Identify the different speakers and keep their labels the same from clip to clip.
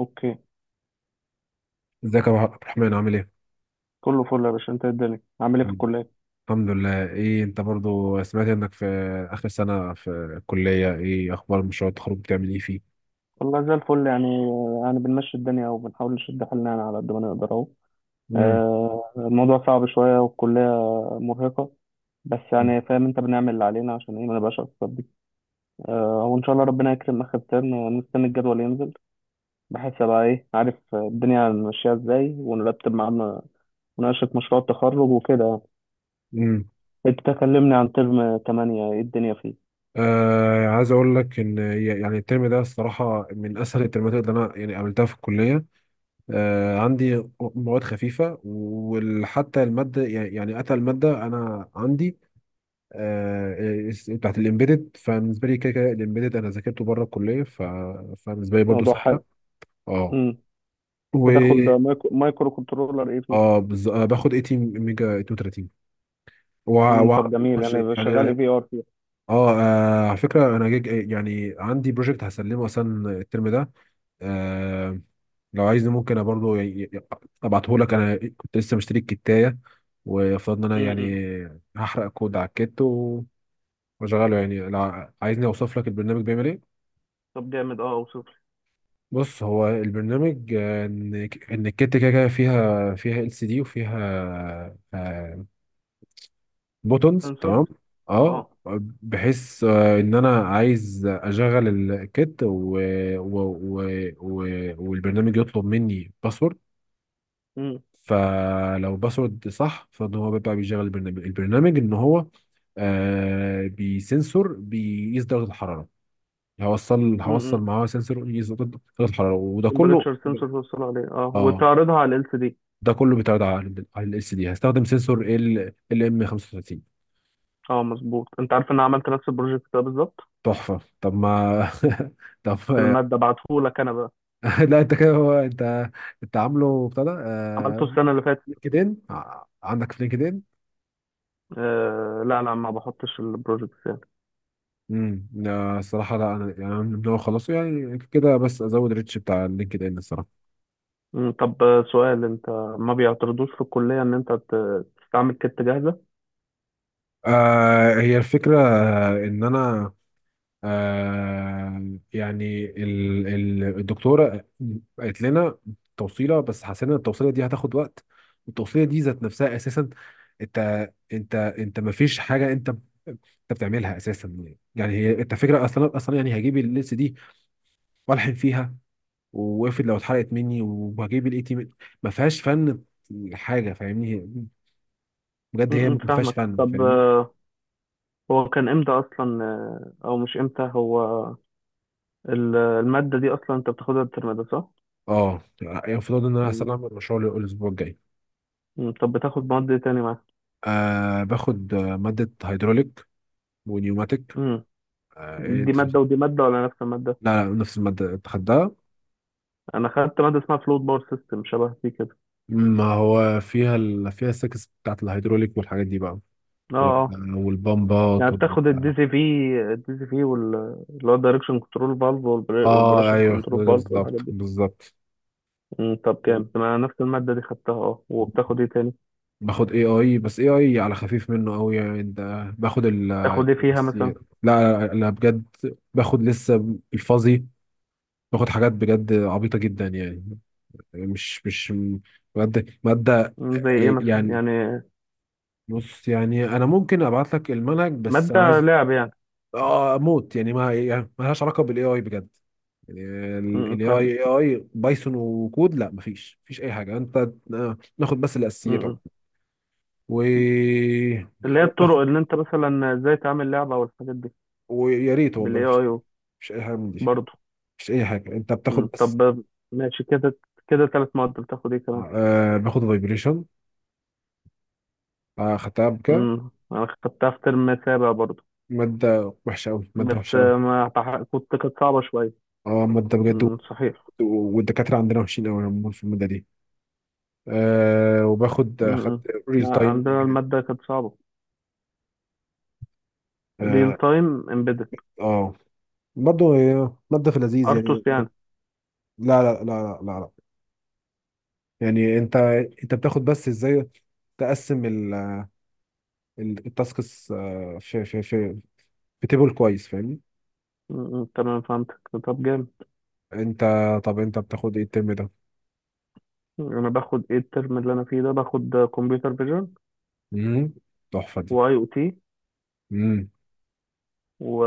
Speaker 1: اوكي.
Speaker 2: ازيك يا عبد الرحمن، عامل ايه؟
Speaker 1: كله فل يا باشا، انت إيه الدنيا عامل ايه في
Speaker 2: مم.
Speaker 1: الكليه؟
Speaker 2: الحمد لله. ايه انت برضو، سمعت انك في اخر سنة في الكلية. ايه اخبار مشروع التخرج، بتعمل ايه فيه؟
Speaker 1: والله زي الفل يعني بنمشي الدنيا وبنحاول نشد حالنا يعني على قد ما نقدر اهو.
Speaker 2: امم.
Speaker 1: آه، الموضوع صعب شويه والكليه مرهقه، بس
Speaker 2: مم.
Speaker 1: يعني فاهم، انت بنعمل اللي علينا عشان ايه ما نبقاش اكتر دي. آه وان شاء الله ربنا يكرم اخر ترم ونستنى الجدول ينزل، بحيث ابقى ايه عارف الدنيا ماشيه ازاي، ونرتب معانا مناقشه مشروع التخرج وكده يعني.
Speaker 2: امم.
Speaker 1: انت تكلمني عن ترم 8، ايه الدنيا فيه؟
Speaker 2: آه، عايز اقول لك ان يعني الترم ده الصراحة من اسهل الترمات اللي انا يعني قابلتها في الكلية. عندي مواد خفيفة، وحتى المادة يعني اتى المادة انا عندي، بتاعت الامبيدد، فبالنسبة لي كده كده الامبيدد انا ذاكرته بره الكلية فبالنسبة لي برضو
Speaker 1: موضوع
Speaker 2: سهلة.
Speaker 1: حلو.
Speaker 2: اه.
Speaker 1: امم. بتاخد
Speaker 2: و
Speaker 1: مايكرو كنترولر ايه؟
Speaker 2: اه بز... آه باخد 18 ميجا 32، و...
Speaker 1: مم،
Speaker 2: و...
Speaker 1: طب جميل، يعني شغال اي
Speaker 2: يعني.
Speaker 1: في ار فيها.
Speaker 2: على فكره انا جيج، يعني عندي بروجكت هسلمه اصلا الترم ده. آه، لو عايز ممكن أنا برضو ي- ابعته لك. انا كنت لسه مشتري الكتايه وفضلنا، انا
Speaker 1: امم.
Speaker 2: يعني هحرق كود على الكت واشغله يعني، لو عايزني اوصف لك البرنامج بيعمل ايه.
Speaker 1: طب جامد، اه اوصف لي.
Speaker 2: بص، هو البرنامج، ان الكت كده كده فيها ال سي دي وفيها، آه، بوتونز،
Speaker 1: سنسورز.
Speaker 2: تمام.
Speaker 1: اه،
Speaker 2: اه،
Speaker 1: اه.
Speaker 2: بحيث ان انا عايز اشغل الكت و... و... و... والبرنامج يطلب مني باسورد.
Speaker 1: امم.
Speaker 2: فلو باسورد صح فان هو بيبقى بيشغل البرنامج، ان هو، بسنسور بيقيس درجة الحرارة. هوصل
Speaker 1: امم.
Speaker 2: معاه سنسور يقيس درجة الحرارة، وده كله
Speaker 1: تمبريتشر سنسور توصل عليه اه،
Speaker 2: اه،
Speaker 1: وتعرضها على ال سي دي.
Speaker 2: ده كله بيتعرض على ال اس دي. هستخدم سنسور ال ام 35.
Speaker 1: اه، مظبوط. انت عارف ان انا عملت نفس البروجكت ده بالظبط،
Speaker 2: تحفة. طب ما طب
Speaker 1: في الماده بعتهولك انا بقى،
Speaker 2: لا، انت كده، هو انت، عامله ابتدى.
Speaker 1: عملته السنه اللي فاتت.
Speaker 2: لينكدين، عندك في لينكدين؟
Speaker 1: آه، لا لا، ما بحطش البروجكت يعني.
Speaker 2: لا، الصراحه لا، انا يعني، أنا من هو خلصه يعني كده، بس ازود ريتش بتاع لينكدين الصراحه.
Speaker 1: مم. طب آه، سؤال، انت ما بيعترضوش في الكليه ان انت تستعمل كت جاهزه؟
Speaker 2: آه، هي الفكره، ان انا، يعني ال الدكتوره قالت لنا توصيله، بس حسينا ان التوصيله دي هتاخد وقت. التوصيله دي ذات نفسها اساسا، انت ما فيش حاجه، انت بتعملها اساسا يعني. هي انت فكره، اصلا اصلا، يعني هجيب اللبس دي والحن فيها، وافرض لو اتحرقت مني وهجيب الاي تي، ما فيهاش فن حاجه، فاهمني؟ بجد هي
Speaker 1: امم،
Speaker 2: ما فيهاش
Speaker 1: فاهمك.
Speaker 2: فن،
Speaker 1: طب
Speaker 2: فاهمني؟
Speaker 1: آه، هو كان امتى اصلا، آه، او مش امتى، هو المادة دي أصلا أنت بتاخدها الترم ده صح؟
Speaker 2: اه، المفروض ان انا
Speaker 1: مم.
Speaker 2: هسلم المشروع الاسبوع الجاي.
Speaker 1: مم. طب بتاخد مواد إيه تاني معاك؟
Speaker 2: باخد ماده هيدروليك ونيوماتيك.
Speaker 1: مم.
Speaker 2: إيه،
Speaker 1: دي
Speaker 2: انت؟
Speaker 1: مادة ودي مادة ولا نفس المادة؟
Speaker 2: لا، لا، نفس الماده انت خدتها.
Speaker 1: أنا خدت مادة اسمها فلويد باور سيستم، شبه دي كده.
Speaker 2: ما هو فيها السكس بتاعت الهيدروليك والحاجات دي بقى،
Speaker 1: أه.
Speaker 2: وال-
Speaker 1: أه.
Speaker 2: والبمبات.
Speaker 1: يعني بتاخد الدي سي في، الدي سي في اللي هو الدايركشن كنترول فالف،
Speaker 2: اه،
Speaker 1: والبريشر
Speaker 2: ايوه،
Speaker 1: كنترول فالف والحاجات
Speaker 2: بالظبط
Speaker 1: دي.
Speaker 2: بالظبط.
Speaker 1: مم. طب كام؟ أنا نفس المادة دي خدتها. أه، وبتاخد إيه تاني؟
Speaker 2: باخد اي اي، بس اي اي على خفيف منه قوي يعني، ده باخد
Speaker 1: تاخد إيه فيها
Speaker 2: الاساسيات.
Speaker 1: مثلا؟
Speaker 2: لا، لا، لا، بجد، باخد لسه الفاظي، باخد حاجات بجد عبيطه جدا يعني، مش ماده ماده،
Speaker 1: مم. زي إيه مثلا؟
Speaker 2: يعني
Speaker 1: يعني
Speaker 2: بص، يعني انا ممكن ابعت لك المنهج، بس انا
Speaker 1: مادة
Speaker 2: عايز.
Speaker 1: لعب يعني؟
Speaker 2: اه، موت يعني، ما يعني ما لهاش علاقه بالاي اي بجد يعني.
Speaker 1: مم،
Speaker 2: ال
Speaker 1: فاهم.
Speaker 2: اي اي بايثون وكود، لا، مفيش اي حاجه، انت ناخد بس الاساسيات عموما.
Speaker 1: مم.
Speaker 2: و
Speaker 1: اللي هي الطرق
Speaker 2: باخد،
Speaker 1: اللي أنت مثلا إزاي تعمل لعبة والحاجات دي،
Speaker 2: ويا ريت والله.
Speaker 1: بالاي
Speaker 2: مفيش
Speaker 1: اي،
Speaker 2: مفيش اي حاجه من دي،
Speaker 1: برضه.
Speaker 2: مفيش اي حاجه، انت بتاخد
Speaker 1: مم.
Speaker 2: بس.
Speaker 1: طب ماشي كده، كده ثلاث مواد، بتاخد ايه كمان؟
Speaker 2: باخد فايبريشن، خدتها بكده.
Speaker 1: امم، انا خدتها في ترم سابع برضه،
Speaker 2: ماده وحشه قوي، ماده
Speaker 1: بس
Speaker 2: وحشه قوي.
Speaker 1: ما بح- كنت كانت صعبة شوية.
Speaker 2: اه، ماده بجد
Speaker 1: مم، صحيح.
Speaker 2: والدكاتره عندنا وحشين قوي عموما في الماده دي. آه وباخد آه، خدت
Speaker 1: امم.
Speaker 2: ريل
Speaker 1: لا،
Speaker 2: تايم.
Speaker 1: عندنا المادة كانت صعبة. ريل
Speaker 2: اه.
Speaker 1: تايم امبيدد.
Speaker 2: آه. برضه هي ماده في لذيذ يعني.
Speaker 1: ارتوس يعني؟
Speaker 2: لا، لا، لا، لا، لا، لا. يعني انت بتاخد بس ازاي تقسم التاسكس، في تيبل كويس، فاهمني؟
Speaker 1: مم، تمام، فهمتك. طب جامد،
Speaker 2: انت طب انت بتاخد ايه الترم ده؟
Speaker 1: انا باخد ايه الترم اللي انا فيه ده؟ باخد كمبيوتر فيجن،
Speaker 2: امم. تحفه دي.
Speaker 1: واي او تي،
Speaker 2: امم.
Speaker 1: و...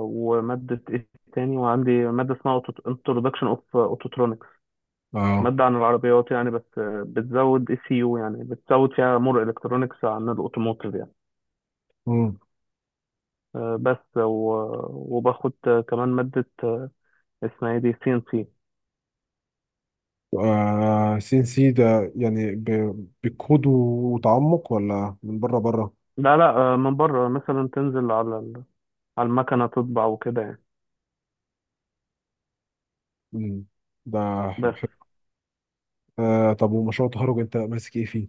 Speaker 1: ومادة ايه تاني، وعندي مادة اسمها انترودكشن اوف اوتوترونيك،
Speaker 2: اه.
Speaker 1: مادة عن العربيات يعني، بس آه، بتزود اي سي يو، يعني بتزود فيها مور الكترونكس عن الاوتوموتيف يعني.
Speaker 2: امم.
Speaker 1: آه، بس وباخد آه، كمان مادة آه، اسمها ايه، دي سي ان سي.
Speaker 2: آه، سي ان سي ده يعني، بكود وتعمق، ولا من بره بره؟
Speaker 1: لا لا، آه، من بره، مثلا تنزل على على المكنة تطبع وكده يعني.
Speaker 2: امم. ده
Speaker 1: بس.
Speaker 2: حلو. آه، طب ومشروع التخرج انت ماسك ايه فيه؟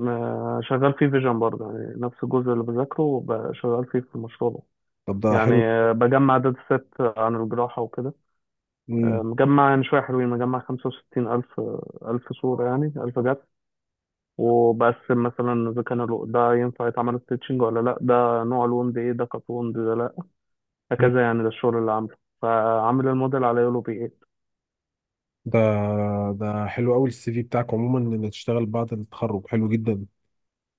Speaker 1: آه، شغال فيه فيجن برضه، يعني نفس الجزء اللي بذاكره شغال فيه في المشروع ده
Speaker 2: طب، ده
Speaker 1: يعني.
Speaker 2: حلو.
Speaker 1: آه، بجمع داتا سيت عن الجراحة وكده. آه،
Speaker 2: امم.
Speaker 1: مجمع يعني شوية حلوين، مجمع 65000 ألف، آه، ألف صورة يعني، ألف جدول. وبقسم مثلا إذا كان ده ينفع يتعمل ستيتشنج ولا لأ، ده نوع الوند إيه، ده كانت وند، ده لأ، هكذا يعني. ده الشغل اللي عامله، فعامل الموديل على يولو بي 8.
Speaker 2: ده ده حلو قوي، السي في بتاعك عموما ان تشتغل بعد التخرج حلو جدا.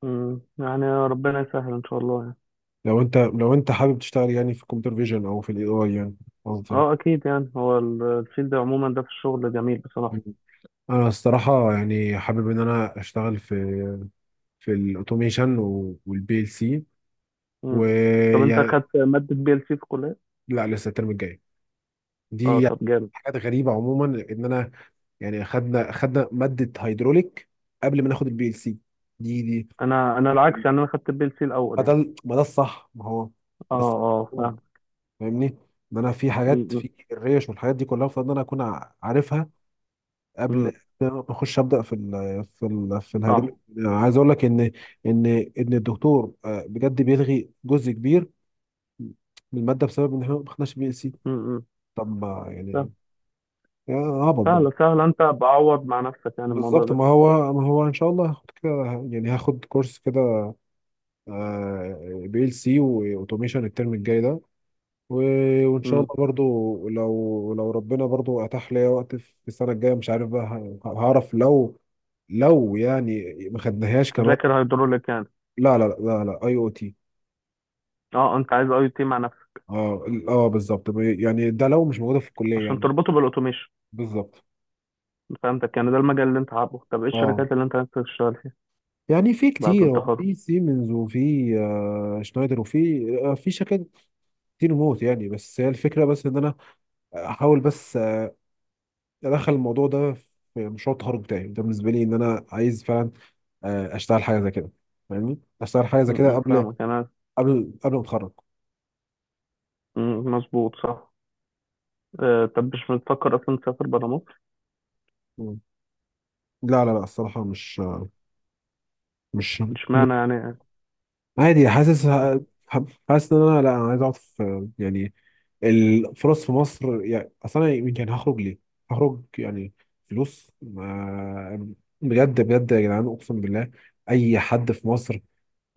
Speaker 1: مم، يعني ربنا يسهل إن شاء الله يعني.
Speaker 2: لو انت حابب تشتغل يعني في الكمبيوتر فيجن او في الاي اي يعني، قصدي.
Speaker 1: أه، أكيد يعني، هو الفيلد عموما ده في الشغل جميل بصراحة.
Speaker 2: انا الصراحه يعني حابب ان انا اشتغل في الاوتوميشن والبي ال سي،
Speaker 1: مم. طب أنت
Speaker 2: ويعني.
Speaker 1: أخدت مادة بي ال سي في الكلية؟
Speaker 2: لا، لسه الترم الجاي
Speaker 1: أه،
Speaker 2: دي يعني.
Speaker 1: طب جامد.
Speaker 2: حاجات غريبه عموما، ان انا يعني خدنا ماده هيدروليك قبل ما ناخد البي ال سي دي.
Speaker 1: أنا العكس، يعني أنا أخدت بي ال سي الأول
Speaker 2: ما ده
Speaker 1: يعني.
Speaker 2: ما ده الصح، ما هو،
Speaker 1: أه،
Speaker 2: بس
Speaker 1: أه، فاهم.
Speaker 2: فاهمني، ان انا في
Speaker 1: مم،
Speaker 2: حاجات
Speaker 1: مم.
Speaker 2: في الريش والحاجات دي كلها، المفروض ان انا اكون عارفها قبل
Speaker 1: مم،
Speaker 2: ما اخش ابدا في الهيدروليك.
Speaker 1: صح.
Speaker 2: عايز اقول لك ان ان ان الدكتور، بجد بيلغي جزء كبير من الماده بسبب ان احنا ما خدناش بي ال سي.
Speaker 1: مم، مم.
Speaker 2: طب، ما
Speaker 1: سهل-
Speaker 2: يعني، يا هبط بقى.
Speaker 1: سهلة سهلة، أنت بعوض مع نفسك يعني الموضوع
Speaker 2: بالظبط،
Speaker 1: ده.
Speaker 2: ما هو، ان شاء الله هاخد كده، يعني هاخد كورس كده، بي ال سي واوتوميشن الترم الجاي ده، وان شاء الله برضو، لو ربنا برضو اتاح ليا وقت في السنه الجايه، مش عارف بقى هعرف لو، يعني ما خدناهاش كمان.
Speaker 1: ذاكر هيدروليك يعني؟
Speaker 2: لا، لا، لا، لا، اي او تي.
Speaker 1: اه، انت عايز اي تي مع نفسك
Speaker 2: اه، اه بالظبط، يعني ده لو مش موجوده في الكليه
Speaker 1: عشان
Speaker 2: يعني.
Speaker 1: تربطه بالاوتوميشن.
Speaker 2: بالظبط.
Speaker 1: فهمتك، يعني ده المجال اللي انت حابه. طب ايه
Speaker 2: اه،
Speaker 1: الشركات اللي انت عايز تشتغل فيها
Speaker 2: يعني في
Speaker 1: بعد
Speaker 2: كتير، هو
Speaker 1: التخرج؟
Speaker 2: في سيمنز، وفي شنايدر، وفي في شركات كتير موت يعني. بس هي الفكره، بس ان انا احاول بس ادخل الموضوع ده في مشروع التخرج بتاعي ده. بالنسبه لي، ان انا عايز فعلا اشتغل حاجه زي كده، فاهمني، اشتغل حاجه زي
Speaker 1: م-
Speaker 2: كده
Speaker 1: م،
Speaker 2: قبل،
Speaker 1: فاهمك، يعني انا
Speaker 2: ما اتخرج.
Speaker 1: مظبوط، صح. آه، طب مش بتفكر اصلا تسافر برا مصر؟
Speaker 2: مم. لا، لا، لا، الصراحه مش، مش
Speaker 1: اشمعنى يعني؟
Speaker 2: عادي. حاسس ان انا، لا، انا عايز اقعد في، يعني الفرص في مصر يعني اصلا. انا يعني يمكن هخرج ليه؟ هخرج يعني فلوس، ما بجد بجد يا جدعان، اقسم بالله، اي حد في مصر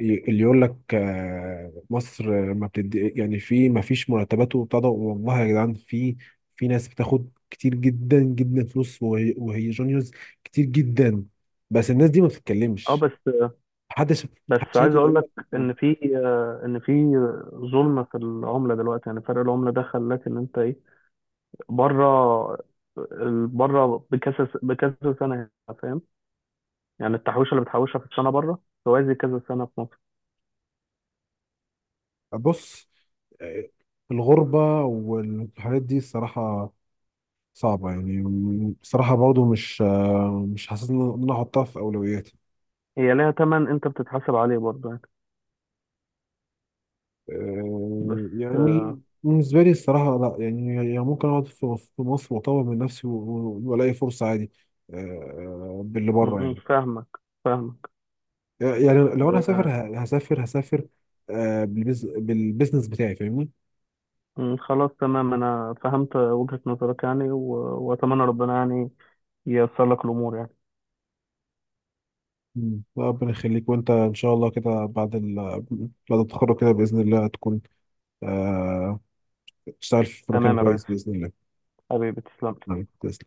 Speaker 2: اللي يقول لك، مصر، ما بتدي يعني، في ما فيش مرتبات وبتاع ده، والله يا جدعان، في، في ناس بتاخد كتير جدا جدا فلوس، وهي جونيورز كتير جدا، بس الناس دي ما
Speaker 1: اه،
Speaker 2: بتتكلمش.
Speaker 1: بس
Speaker 2: محدش
Speaker 1: بس
Speaker 2: محدش
Speaker 1: عايز
Speaker 2: هيجي
Speaker 1: اقول
Speaker 2: يقول
Speaker 1: لك
Speaker 2: لك،
Speaker 1: ان في آه، ان في ظلم في العمله دلوقتي، يعني فرق العمله ده خلاك ان انت ايه، بره، بره بكذا بكذا سنه هنا، فاهم، يعني التحويشه اللي بتحوشها في السنه بره توازي كذا سنه في مصر.
Speaker 2: بص، آه، الغربة والحاجات دي الصراحة صعبة يعني. بصراحة برضو مش، حاسس إن أنا أحطها في أولوياتي.
Speaker 1: هي ليها تمن انت بتتحاسب عليه برضه يعني. بس آه،
Speaker 2: يعني بالنسبة لي الصراحة لا، يعني ممكن أقعد في مصر وأطور من نفسي وألاقي فرصة عادي. باللي
Speaker 1: م-
Speaker 2: بره
Speaker 1: م،
Speaker 2: يعني.
Speaker 1: فاهمك، فاهمك.
Speaker 2: يعني لو أنا هسافر،
Speaker 1: آه،
Speaker 2: هسافر بالبزنس بتاعي، فاهمني.
Speaker 1: م، خلاص تمام انا فهمت وجهة نظرك يعني، واتمنى ربنا يعني ييسر لك الامور يعني.
Speaker 2: مم. ربنا يخليك. وأنت إن شاء الله كده بعد بعد التخرج كده، بإذن الله تكون آه، تشتغل في مكان
Speaker 1: تمام يا ريس،
Speaker 2: كويس بإذن الله.
Speaker 1: حبيبي تسلم.
Speaker 2: كويس.